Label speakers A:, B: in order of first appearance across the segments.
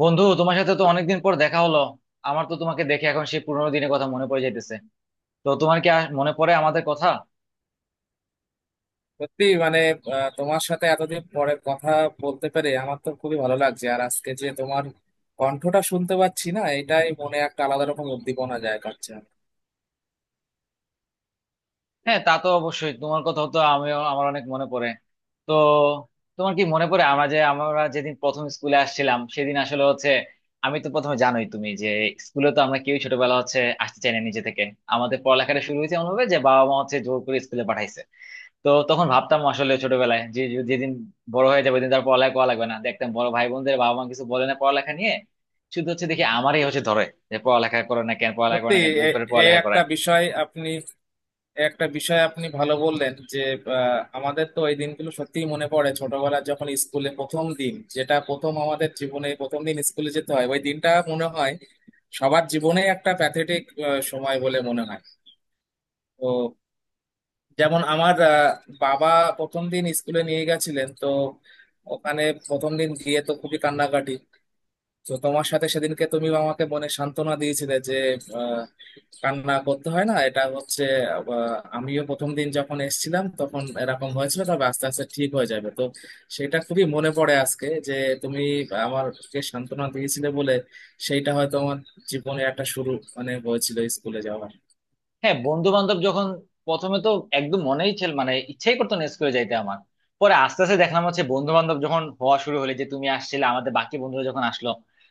A: বন্ধু, তোমার সাথে তো অনেকদিন পর দেখা হলো। আমার তো তোমাকে দেখে এখন সেই পুরোনো দিনের কথা মনে পড়ে যাইতেছে। তো তোমার কি আর মনে পড়ে আমাদের কথা?
B: সত্যি মানে তোমার সাথে এতদিন পরে কথা বলতে পেরে আমার তো খুবই ভালো লাগছে। আর আজকে যে তোমার কণ্ঠটা শুনতে পাচ্ছি না এটাই মনে একটা আলাদা রকম উদ্দীপনা জায়গা করছে।
A: হ্যাঁ, তা তো অবশ্যই, তোমার কথা তো আমিও আমার অনেক মনে পড়ে। তো তোমার কি মনে পড়ে আমরা যে আমরা যেদিন প্রথম স্কুলে আসছিলাম সেদিন আসলে হচ্ছে আমি তো প্রথমে জানোই তুমি যে স্কুলে তো আমরা কেউ ছোটবেলা হচ্ছে আসতে চাই না নিজে থেকে। আমাদের পড়ালেখাটা শুরু হয়েছে এমন ভাবে যে বাবা মা হচ্ছে জোর করে স্কুলে পাঠাইছে। তো তখন ভাবতাম আসলে ছোটবেলায় যে যে- যেদিন বড় হয়ে যাবে দিন তার পড়ালেখা করা লাগবে না, দেখতাম বড় ভাই বোনদের বাবা মা কিছু বলে না পড়ালেখা নিয়ে। শুধু হচ্ছে দেখি আমারই হচ্ছে ধরে যে পড়ালেখা করে না কেন, পড়ালেখা করে
B: সত্যি।
A: না কেন, জোর
B: এ
A: করে
B: এ
A: পড়ালেখা
B: একটা
A: করায়।
B: বিষয় আপনি এ একটা বিষয় আপনি ভালো বললেন যে আমাদের তো এই দিনগুলো সত্যিই মনে পড়ে ছোটবেলার যখন স্কুলে প্রথম দিন যেটা প্রথম আমাদের জীবনে প্রথম দিন স্কুলে যেতে হয় ওই দিনটা মনে হয় সবার জীবনে একটা প্যাথেটিক সময় বলে মনে হয়। তো যেমন আমার বাবা প্রথম দিন স্কুলে নিয়ে গেছিলেন। তো ওখানে প্রথম দিন গিয়ে তো খুবই কান্নাকাটি। তো তোমার সাথে সেদিনকে তুমি আমাকে মনে সান্ত্বনা দিয়েছিলে যে আহ, কান্না করতে হয় না, এটা হচ্ছে আহ, আমিও প্রথম দিন যখন এসেছিলাম তখন এরকম হয়েছিল তবে আস্তে আস্তে ঠিক হয়ে যাবে। তো সেটা খুবই মনে পড়ে আজকে যে তুমি আমাকে সান্ত্বনা দিয়েছিলে বলে সেইটা হয়তো আমার জীবনে একটা শুরু মানে হয়েছিল স্কুলে যাওয়া।
A: হ্যাঁ বন্ধু বান্ধব যখন প্রথমে তো একদম মনেই ছিল মানে ইচ্ছাই করতো না স্কুলে যাইতে আমার। পরে আস্তে আস্তে দেখলাম হচ্ছে বন্ধু বান্ধব যখন হওয়া শুরু হলে যে তুমি আসছিলে, আমাদের বাকি বন্ধুরা যখন আসলো,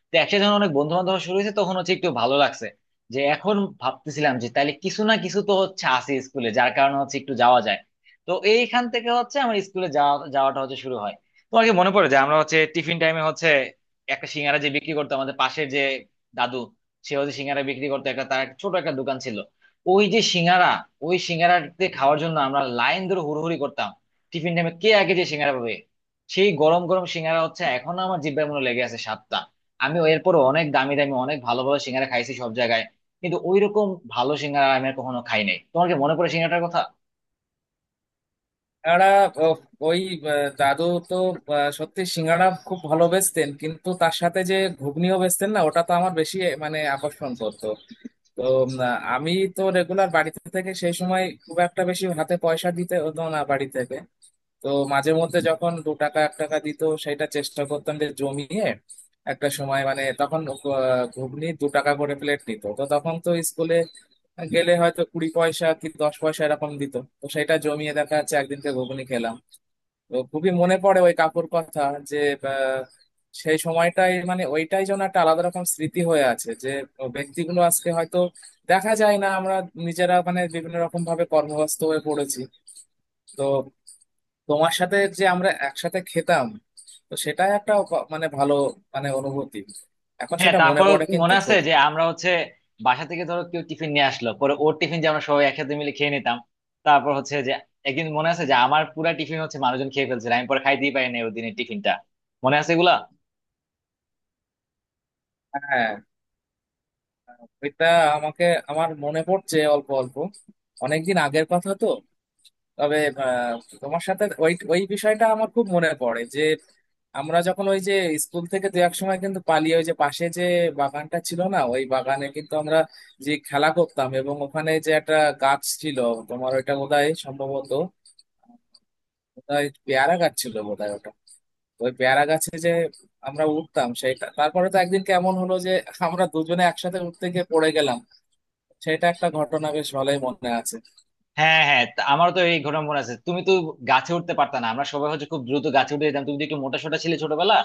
A: তো একসাথে যখন অনেক বন্ধু বান্ধব শুরু হয়েছে তখন হচ্ছে একটু ভালো লাগছে যে এখন ভাবতেছিলাম যে তাইলে কিছু না কিছু তো হচ্ছে আছে স্কুলে যার কারণে হচ্ছে একটু যাওয়া যায়। তো এইখান থেকে হচ্ছে আমার স্কুলে যাওয়া যাওয়াটা হচ্ছে শুরু হয়। তোমার কি মনে পড়ে যে আমরা হচ্ছে টিফিন টাইমে হচ্ছে একটা সিঙ্গারা যে বিক্রি করতো আমাদের পাশের যে দাদু, সে হচ্ছে সিঙ্গারা বিক্রি করতো, একটা তার একটা ছোট একটা দোকান ছিল। ওই যে সিঙ্গারা, ওই সিঙ্গারাতে খাওয়ার জন্য আমরা লাইন ধরে হুড়োহুড়ি করতাম টিফিন টাইমে কে আগে যে সিঙ্গারা পাবে। সেই গরম গরম সিঙ্গারা হচ্ছে এখনো আমার জিব্বার মনে লেগে আছে স্বাদটা। আমি এরপর অনেক দামি দামি অনেক ভালো ভালো সিঙ্গারা খাইছি সব জায়গায়, কিন্তু ওইরকম ভালো সিঙ্গারা আমি আর কখনো খাই নাই। তোমার কি মনে পড়ে সিঙ্গারাটার কথা?
B: সিঙ্গাড়া। ও- ওই দাদু। তো সত্যি সিঙ্গাড়া খুব ভালো বেচতেন কিন্তু তার সাথে যে ঘুগনিও বেচতেন না, ওটা তো আমার বেশি মানে আকর্ষণ করতো। তো আমি তো রেগুলার বাড়িতে থেকে সেই সময় খুব একটা বেশি হাতে পয়সা দিতে হতো না বাড়ি থেকে। তো মাঝে মধ্যে যখন 2 টাকা 1 টাকা দিত সেটা চেষ্টা করতাম যে জমিয়ে একটা সময়। মানে তখন ঘুগনি 2 টাকা করে প্লেট নিত। তো তখন তো স্কুলে গেলে হয়তো 20 পয়সা কি 10 পয়সা এরকম দিত। তো সেটা জমিয়ে দেখা যাচ্ছে একদিনকে ঘুগনি খেলাম। তো খুবই মনে পড়ে ওই কাকুর কথা যে আহ, সেই সময়টাই মানে ওইটাই যেন একটা আলাদা রকম স্মৃতি হয়ে আছে যে ব্যক্তিগুলো আজকে হয়তো দেখা যায় না, আমরা নিজেরা মানে বিভিন্ন রকম ভাবে কর্মব্যস্ত হয়ে পড়েছি। তো তোমার সাথে যে আমরা একসাথে খেতাম তো সেটাই একটা মানে ভালো মানে অনুভূতি এখন
A: হ্যাঁ,
B: সেটা মনে
A: তারপর
B: পড়ে
A: মনে
B: কিন্তু
A: আছে
B: খুব।
A: যে আমরা হচ্ছে বাসা থেকে ধরো কেউ টিফিন নিয়ে আসলো পরে ওর টিফিন যে আমরা সবাই একসাথে মিলে খেয়ে নিতাম। তারপর হচ্ছে যে একদিন মনে আছে যে আমার পুরা টিফিন হচ্ছে মানুষজন খেয়ে ফেলছিল, আমি পরে খাইতেই পারি না ওই দিনের টিফিনটা। মনে আছে এগুলা?
B: হ্যাঁ। ওইটা আমাকে আমার মনে পড়ছে অল্প অল্প। অনেকদিন আগের কথা তো। তবে আহ, তোমার সাথে ওই ওই বিষয়টা আমার খুব মনে পড়ে যে আমরা যখন ওই যে স্কুল থেকে দু এক সময় কিন্তু পালিয়ে ওই যে পাশে যে বাগানটা ছিল না ওই বাগানে কিন্তু আমরা যে খেলা করতাম এবং ওখানে যে একটা গাছ ছিল। তোমার ওইটা বোধহয় সম্ভবত বোধহয় পেয়ারা গাছ ছিল বোধহয় ওটা। তো ওই পেয়ারা গাছে যে আমরা উঠতাম সেটা, তারপরে তো একদিন কেমন হলো যে আমরা দুজনে একসাথে উঠতে গিয়ে পড়ে গেলাম। সেটা একটা ঘটনা বেশ ভালোই মনে আছে।
A: হ্যাঁ হ্যাঁ, আমারও তো এই ঘটনা মনে আছে। তুমি তো গাছে উঠতে পারতা না, আমরা সবাই হচ্ছে খুব দ্রুত গাছে উঠে যেতাম। তুমি তো একটু মোটা সোটা ছিলে ছোটবেলা,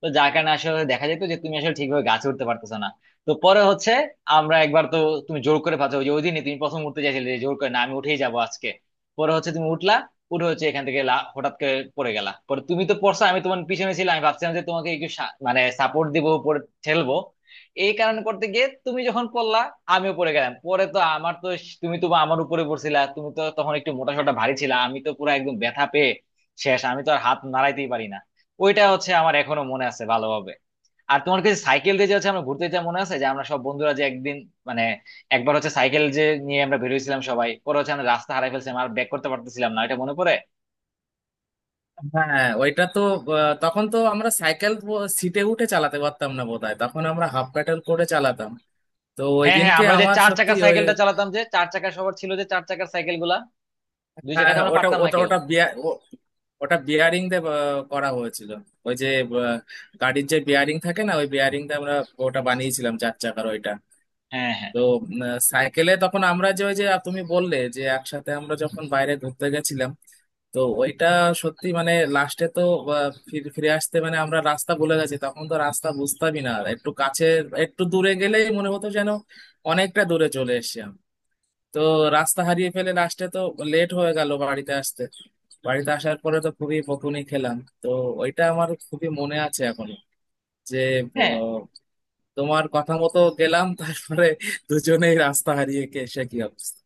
A: তো যার কারণে আসলে দেখা যেত যে তুমি আসলে ঠিকভাবে গাছে উঠতে পারতেছো না। তো পরে হচ্ছে আমরা একবার তো তুমি জোর করে পারছো, ওই যে ওই দিনই তুমি প্রথম উঠতে চাইছিলে যে জোর করে, না আমি উঠেই যাবো আজকে। পরে হচ্ছে তুমি উঠলা, উঠে হচ্ছে এখান থেকে হঠাৎ করে পড়ে গেলা। পরে তুমি তো পড়ছো, আমি তোমার পিছনে ছিলাম, আমি ভাবছিলাম যে তোমাকে একটু মানে সাপোর্ট দিব উপরে ঠেলবো। এই কারণে করতে গিয়ে তুমি যখন পড়লা আমিও পড়ে গেলাম। পরে তো আমার তো তুমি তো আমার উপরে পড়ছিলা, তুমি তো তখন একটু মোটা সোটা ভারী ছিলা, আমি তো পুরো একদম ব্যথা পেয়ে শেষ, আমি তো আর হাত নাড়াইতেই পারি না। ওইটা হচ্ছে আমার এখনো মনে আছে ভালোভাবে। আর তোমার কাছে সাইকেল দিয়ে যে হচ্ছে আমরা ঘুরতে যেতাম, মনে আছে যে আমরা সব বন্ধুরা যে একদিন মানে একবার হচ্ছে সাইকেল যে নিয়ে আমরা বেরিয়েছিলাম সবাই, পরে হচ্ছে আমরা রাস্তা হারাই ফেলছিলাম আর ব্যাক করতে পারতেছিলাম না, এটা মনে পড়ে?
B: হ্যাঁ, ওইটা তো তখন তো আমরা সাইকেল সিটে উঠে চালাতে পারতাম না বোধহয়, তখন আমরা হাফ প্যাডেল করে চালাতাম। তো ওই
A: হ্যাঁ হ্যাঁ,
B: দিনকে
A: আমরা যে
B: আমার
A: চার
B: সত্যি
A: চাকার
B: ওই।
A: সাইকেলটা চালাতাম, যে চার চাকার সবার ছিল যে চার চাকার সাইকেল গুলা, দুই চাকা
B: হ্যাঁ,
A: তো আমরা
B: ওটা
A: পারতাম না
B: ওটা
A: কেউ।
B: ওটা বিয়া- ও- ওটা বিয়ারিং দিয়ে করা হয়েছিল। ওই যে আহ, গাড়ির যে বিয়ারিং থাকে না ওই বিয়ারিং দিয়ে আমরা ওটা বানিয়েছিলাম চার চাকার ওইটা।
A: হ্যাঁ, হ্যাঁ,
B: তো সাইকেলে তখন আমরা যে ওই যে তুমি বললে যে একসাথে আমরা যখন বাইরে ঘুরতে গেছিলাম। তো ওইটা সত্যি মানে লাস্টে তো ফিরে আসতে মানে আমরা রাস্তা ভুলে গেছি। তখন তো রাস্তা বুঝতামই না, একটু কাছে একটু দূরে গেলেই মনে হতো যেন অনেকটা দূরে চলে এসেছি। তো রাস্তা হারিয়ে ফেলে লাস্টে তো লেট হয়ে গেল বাড়িতে আসতে। বাড়িতে আসার পরে তো খুবই বকুনি খেলাম। তো ওইটা আমার খুবই মনে আছে এখনো যে
A: হ্যাঁ,
B: আহ, তোমার কথা মতো গেলাম তারপরে দুজনেই রাস্তা হারিয়ে কে সে কি অবস্থা।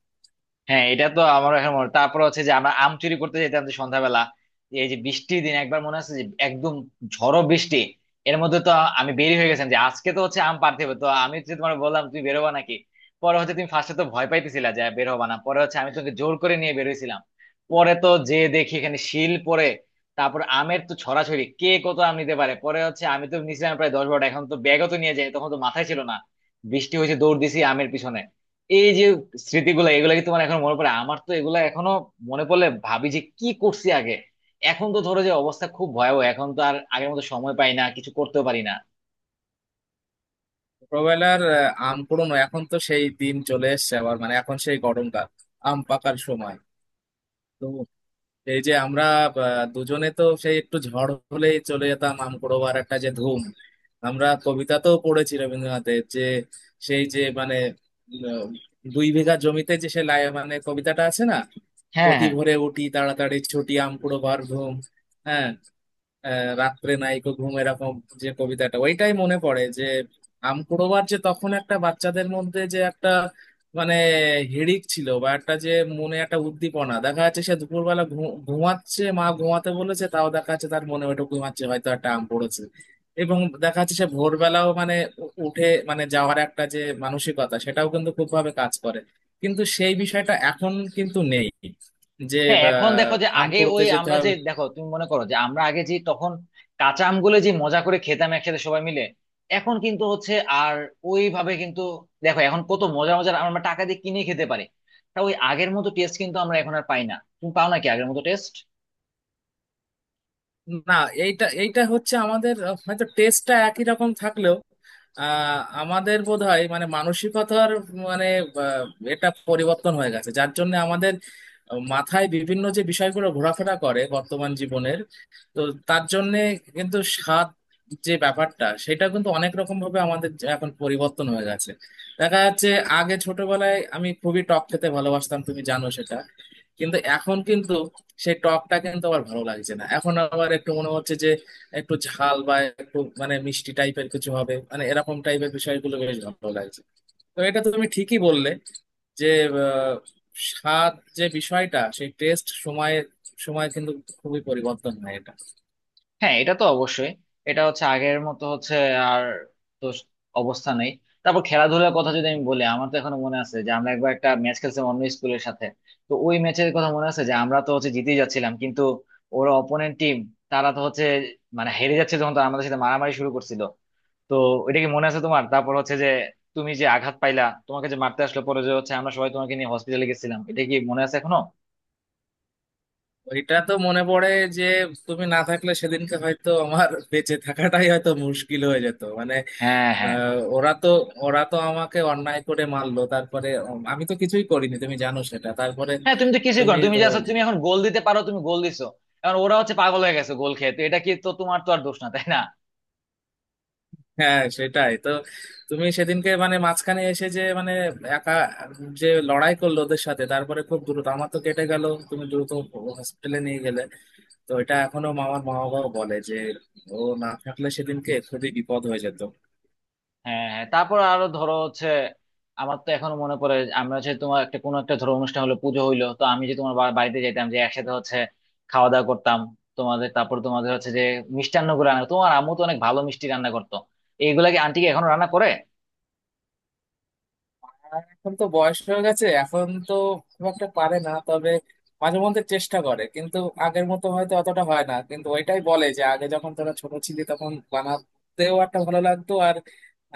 A: হ্যাঁ, এটা তো আমারও এখন মনে। তারপর হচ্ছে যে আমরা আম চুরি করতে যেতাম যে সন্ধ্যাবেলা, যে এই যে বৃষ্টির দিন একবার মনে আছে যে একদম ঝড়ো বৃষ্টি, এর মধ্যে তো আমি বেরি হয়ে গেছিলাম যে আজকে তো হচ্ছে আম পাড়তে হবে। তো আমি হচ্ছে তোমার বললাম তুমি বেরোবা নাকি। পরে হচ্ছে তুমি ফার্স্টে তো ভয় পাইতেছিলা যে বের হবা না, পরে হচ্ছে আমি তোকে জোর করে নিয়ে বেরোইছিলাম। পরে তো যে দেখি এখানে শিল পরে, তারপর আমের তো ছড়াছড়ি, কে কত আম নিতে পারে। পরে হচ্ছে আমি তো নিয়েছিলাম প্রায় 10-12টা। এখন তো ব্যাগও তো নিয়ে যাই, তখন তো মাথায় ছিল না, বৃষ্টি হয়েছে দৌড় দিছি আমের পিছনে। এই যে স্মৃতিগুলো, এগুলা কি তোমার এখন মনে পড়ে? আমার তো এগুলা এখনো মনে পড়লে ভাবি যে কি করছি আগে। এখন তো ধরো যে অবস্থা খুব ভয়াবহ, এখন তো আর আগের মতো সময় পাই না, কিছু করতেও পারি না।
B: ছোটবেলার আম কুড়োনো, এখন তো সেই দিন চলে এসেছে আবার মানে এখন সেই গরমকাল আম পাকার সময়। তো এই যে আমরা দুজনে তো সেই একটু ঝড় হলেই চলে যেতাম আমকুড়োবার একটা যে ধুম। আমরা কবিতা তো পড়েছি রবীন্দ্রনাথের যে সেই যে মানে উম, দুই বিঘা জমিতে যে মানে কবিতাটা আছে না।
A: হ্যাঁ,
B: অতি
A: হ্যাঁ,
B: ভোরে উঠি তাড়াতাড়ি ছুটি আম কুড়ো ভর ধুম। হ্যাঁ। রাত্রে নাইকো ঘুম, এরকম যে কবিতাটা ওইটাই মনে পড়ে যে আমকুড়োবার যে তখন একটা বাচ্চাদের মধ্যে যে একটা মানে হিড়িক ছিল বা একটা যে মনে একটা উদ্দীপনা দেখা যাচ্ছে। সে দুপুরবেলা ঘুমাচ্ছে মা ঘুমাতে বলেছে তাও দেখা যাচ্ছে তার মনে ওইটা ঘুমাচ্ছে হয়তো একটা আম পড়েছে। এবং দেখা যাচ্ছে সে ভোরবেলাও মানে উঠে মানে যাওয়ার একটা যে মানসিকতা সেটাও কিন্তু খুব ভাবে কাজ করে। কিন্তু সেই বিষয়টা এখন কিন্তু নেই যে
A: হ্যাঁ, এখন
B: আহ,
A: দেখো যে
B: আম
A: আগে
B: কুড়োতে
A: ওই
B: যেতে
A: আমরা যে
B: হবে।
A: দেখো তুমি মনে করো যে আমরা আগে যে তখন কাঁচা আমগুলো যে মজা করে খেতাম একসাথে সবাই মিলে, এখন কিন্তু হচ্ছে আর ওইভাবে কিন্তু দেখো এখন কত মজা মজার আমরা টাকা দিয়ে কিনে খেতে পারি, তা ওই আগের মতো টেস্ট কিন্তু আমরা এখন আর পাই না। তুমি পাও নাকি আগের মতো টেস্ট?
B: না, এইটা এইটা হচ্ছে আমাদের হয়তো টেস্টটা একই রকম থাকলেও আমাদের বোধহয় মানে মানসিকতার মানে আহ, এটা পরিবর্তন হয়ে গেছে যার জন্য আমাদের মাথায় বিভিন্ন যে বিষয়গুলো ঘোরাফেরা করে বর্তমান জীবনের। তো তার জন্যে কিন্তু স্বাদ যে ব্যাপারটা সেটা কিন্তু অনেক রকম ভাবে আমাদের যে এখন পরিবর্তন হয়ে গেছে। দেখা যাচ্ছে আগে ছোটবেলায় আমি খুবই টক খেতে ভালোবাসতাম, তুমি জানো সেটা। কিন্তু এখন কিন্তু সেই টকটা কিন্তু আবার ভালো লাগছে না, এখন আবার একটু মনে হচ্ছে যে একটু ঝাল বা একটু মানে মিষ্টি টাইপের কিছু হবে মানে এরকম টাইপের বিষয়গুলো বেশ ভালো লাগছে। তো এটা তো তুমি ঠিকই বললে যে আহ, স্বাদ যে বিষয়টা সেই টেস্ট সময়ের সময় কিন্তু খুবই পরিবর্তন হয় এটা।
A: হ্যাঁ এটা তো অবশ্যই, এটা হচ্ছে আগের মতো হচ্ছে আর তো অবস্থা নেই। তারপর খেলাধুলার কথা যদি আমি বলি, আমার তো এখনো মনে আছে যে আমরা একবার একটা ম্যাচ খেলছিলাম অন্য স্কুলের সাথে। তো ওই ম্যাচের কথা মনে আছে যে আমরা তো হচ্ছে জিতেই যাচ্ছিলাম, কিন্তু ওরা অপোনেন্ট টিম তারা তো হচ্ছে মানে হেরে যাচ্ছে, যখন তারা আমাদের সাথে মারামারি শুরু করছিল। তো এটা কি মনে আছে তোমার? তারপর হচ্ছে যে তুমি যে আঘাত পাইলা, তোমাকে যে মারতে আসলো, পরে যে হচ্ছে আমরা সবাই তোমাকে নিয়ে হসপিটালে গেছিলাম, এটা কি মনে আছে এখনো?
B: এটা তো মনে পড়ে যে তুমি না থাকলে সেদিনকে হয়তো আমার বেঁচে থাকাটাই হয়তো মুশকিল হয়ে যেত মানে।
A: হ্যাঁ, হ্যাঁ,
B: আহ, ওরা তো ওরা তো আমাকে অন্যায় করে মারলো। তারপরে আমি তো কিছুই করিনি, তুমি জানো সেটা। তারপরে
A: হ্যাঁ, তুমি তো কিছুই করো
B: তুমি
A: না। তুমি
B: তো।
A: জাস্ট, তুমি এখন গোল দিতে পারো, তুমি গোল দিছো, এখন ওরা হচ্ছে পাগল হয়ে গেছে গোল খেয়ে। তো এটা কি তো তোমার তো আর দোষ না, তাই না?
B: হ্যাঁ সেটাই তো। তুমি সেদিনকে মানে মাঝখানে এসে যে মানে একা যে লড়াই করলো ওদের সাথে তারপরে খুব দ্রুত আমার তো কেটে গেল, তুমি দ্রুত হসপিটালে নিয়ে গেলে। তো এটা এখনো আমার মা বাবা বলে যে ও না থাকলে সেদিনকে খুবই বিপদ হয়ে যেত।
A: হ্যাঁ হ্যাঁ, তারপর আরো ধরো হচ্ছে আমার তো এখনো মনে পড়ে যে আমরা হচ্ছে তোমার একটা কোনো একটা ধরো অনুষ্ঠান হলো পুজো হইলো, তো আমি যে তোমার বাড়িতে যেতাম যে একসাথে হচ্ছে খাওয়া দাওয়া করতাম তোমাদের, তারপর তোমাদের হচ্ছে যে মিষ্টান্ন গুলো রান্না তোমার আম্মু তো অনেক ভালো মিষ্টি রান্না করতো, এইগুলা কি আন্টি কি এখনো রান্না করে?
B: আর এখন তো বয়স হয়ে গেছে এখন তো খুব একটা পারে না, তবে মাঝে মধ্যে চেষ্টা করে কিন্তু আগের মতো হয়তো অতটা হয় না। কিন্তু ওইটাই বলে যে আগে যখন তোরা ছোট ছিলি তখন বানাতেও একটা ভালো লাগতো। আর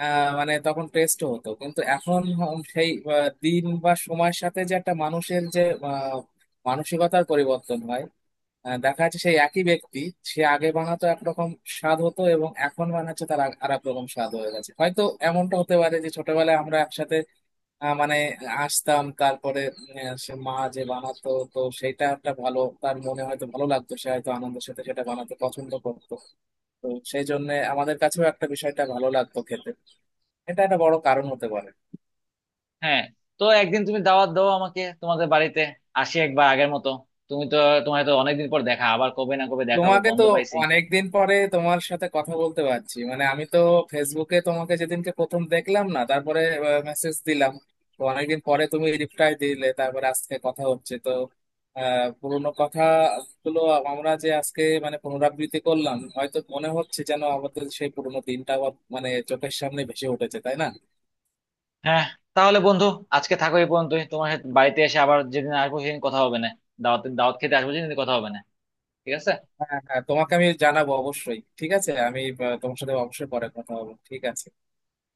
B: মানে তখন টেস্টও হতো কিন্তু এখন সেই দিন বা সময়ের সাথে যে একটা মানুষের যে আহ, মানসিকতার পরিবর্তন হয়। দেখা যাচ্ছে সেই একই ব্যক্তি সে আগে বানাতো একরকম স্বাদ হতো, এবং এখন বানাচ্ছে তার আর এক রকম স্বাদ হয়ে গেছে হয়তো। এমনটা হতে পারে যে ছোটবেলায় আমরা একসাথে মানে আসতাম, তারপরে সে মা যে বানাতো তো সেটা একটা ভালো তার মনে হয়তো ভালো লাগতো, সে হয়তো আনন্দের সাথে সেটা বানাতে পছন্দ করতো। তো সেই জন্য আমাদের কাছেও একটা বিষয়টা ভালো লাগতো খেতে। এটা একটা বড় কারণ হতে পারে।
A: হ্যাঁ, তো একদিন তুমি দাওয়াত দাও আমাকে তোমাদের বাড়িতে, আসি একবার আগের মতো। তুমি তো, তোমার তো অনেকদিন পর দেখা, আবার কবে না কবে দেখা হবে,
B: তোমাকে
A: বন্ধ
B: তো
A: পাইছি।
B: অনেকদিন পরে তোমার সাথে কথা বলতে পারছি মানে আমি তো ফেসবুকে তোমাকে যেদিনকে প্রথম দেখলাম না, তারপরে মেসেজ দিলাম। তো অনেকদিন পরে তুমি রিপ্লাই দিলে তারপরে আজকে কথা হচ্ছে। তো পুরোনো কথাগুলো আমরা যে আজকে মানে পুনরাবৃত্তি করলাম হয়তো মনে হচ্ছে যেন আমাদের সেই পুরোনো দিনটা আবার মানে চোখের সামনে ভেসে উঠেছে, তাই না?
A: হ্যাঁ, তাহলে বন্ধু আজকে থাকো এই পর্যন্তই, তোমার সাথে বাড়িতে এসে আবার যেদিন আসবো সেদিন কথা হবে না, দাওয়াত দাওয়াত খেতে আসবো সেদিন কথা হবে না, ঠিক আছে?
B: হ্যাঁ হ্যাঁ তোমাকে আমি জানাবো অবশ্যই। ঠিক আছে, আমি তোমার সাথে অবশ্যই পরে কথা হবে। ঠিক আছে।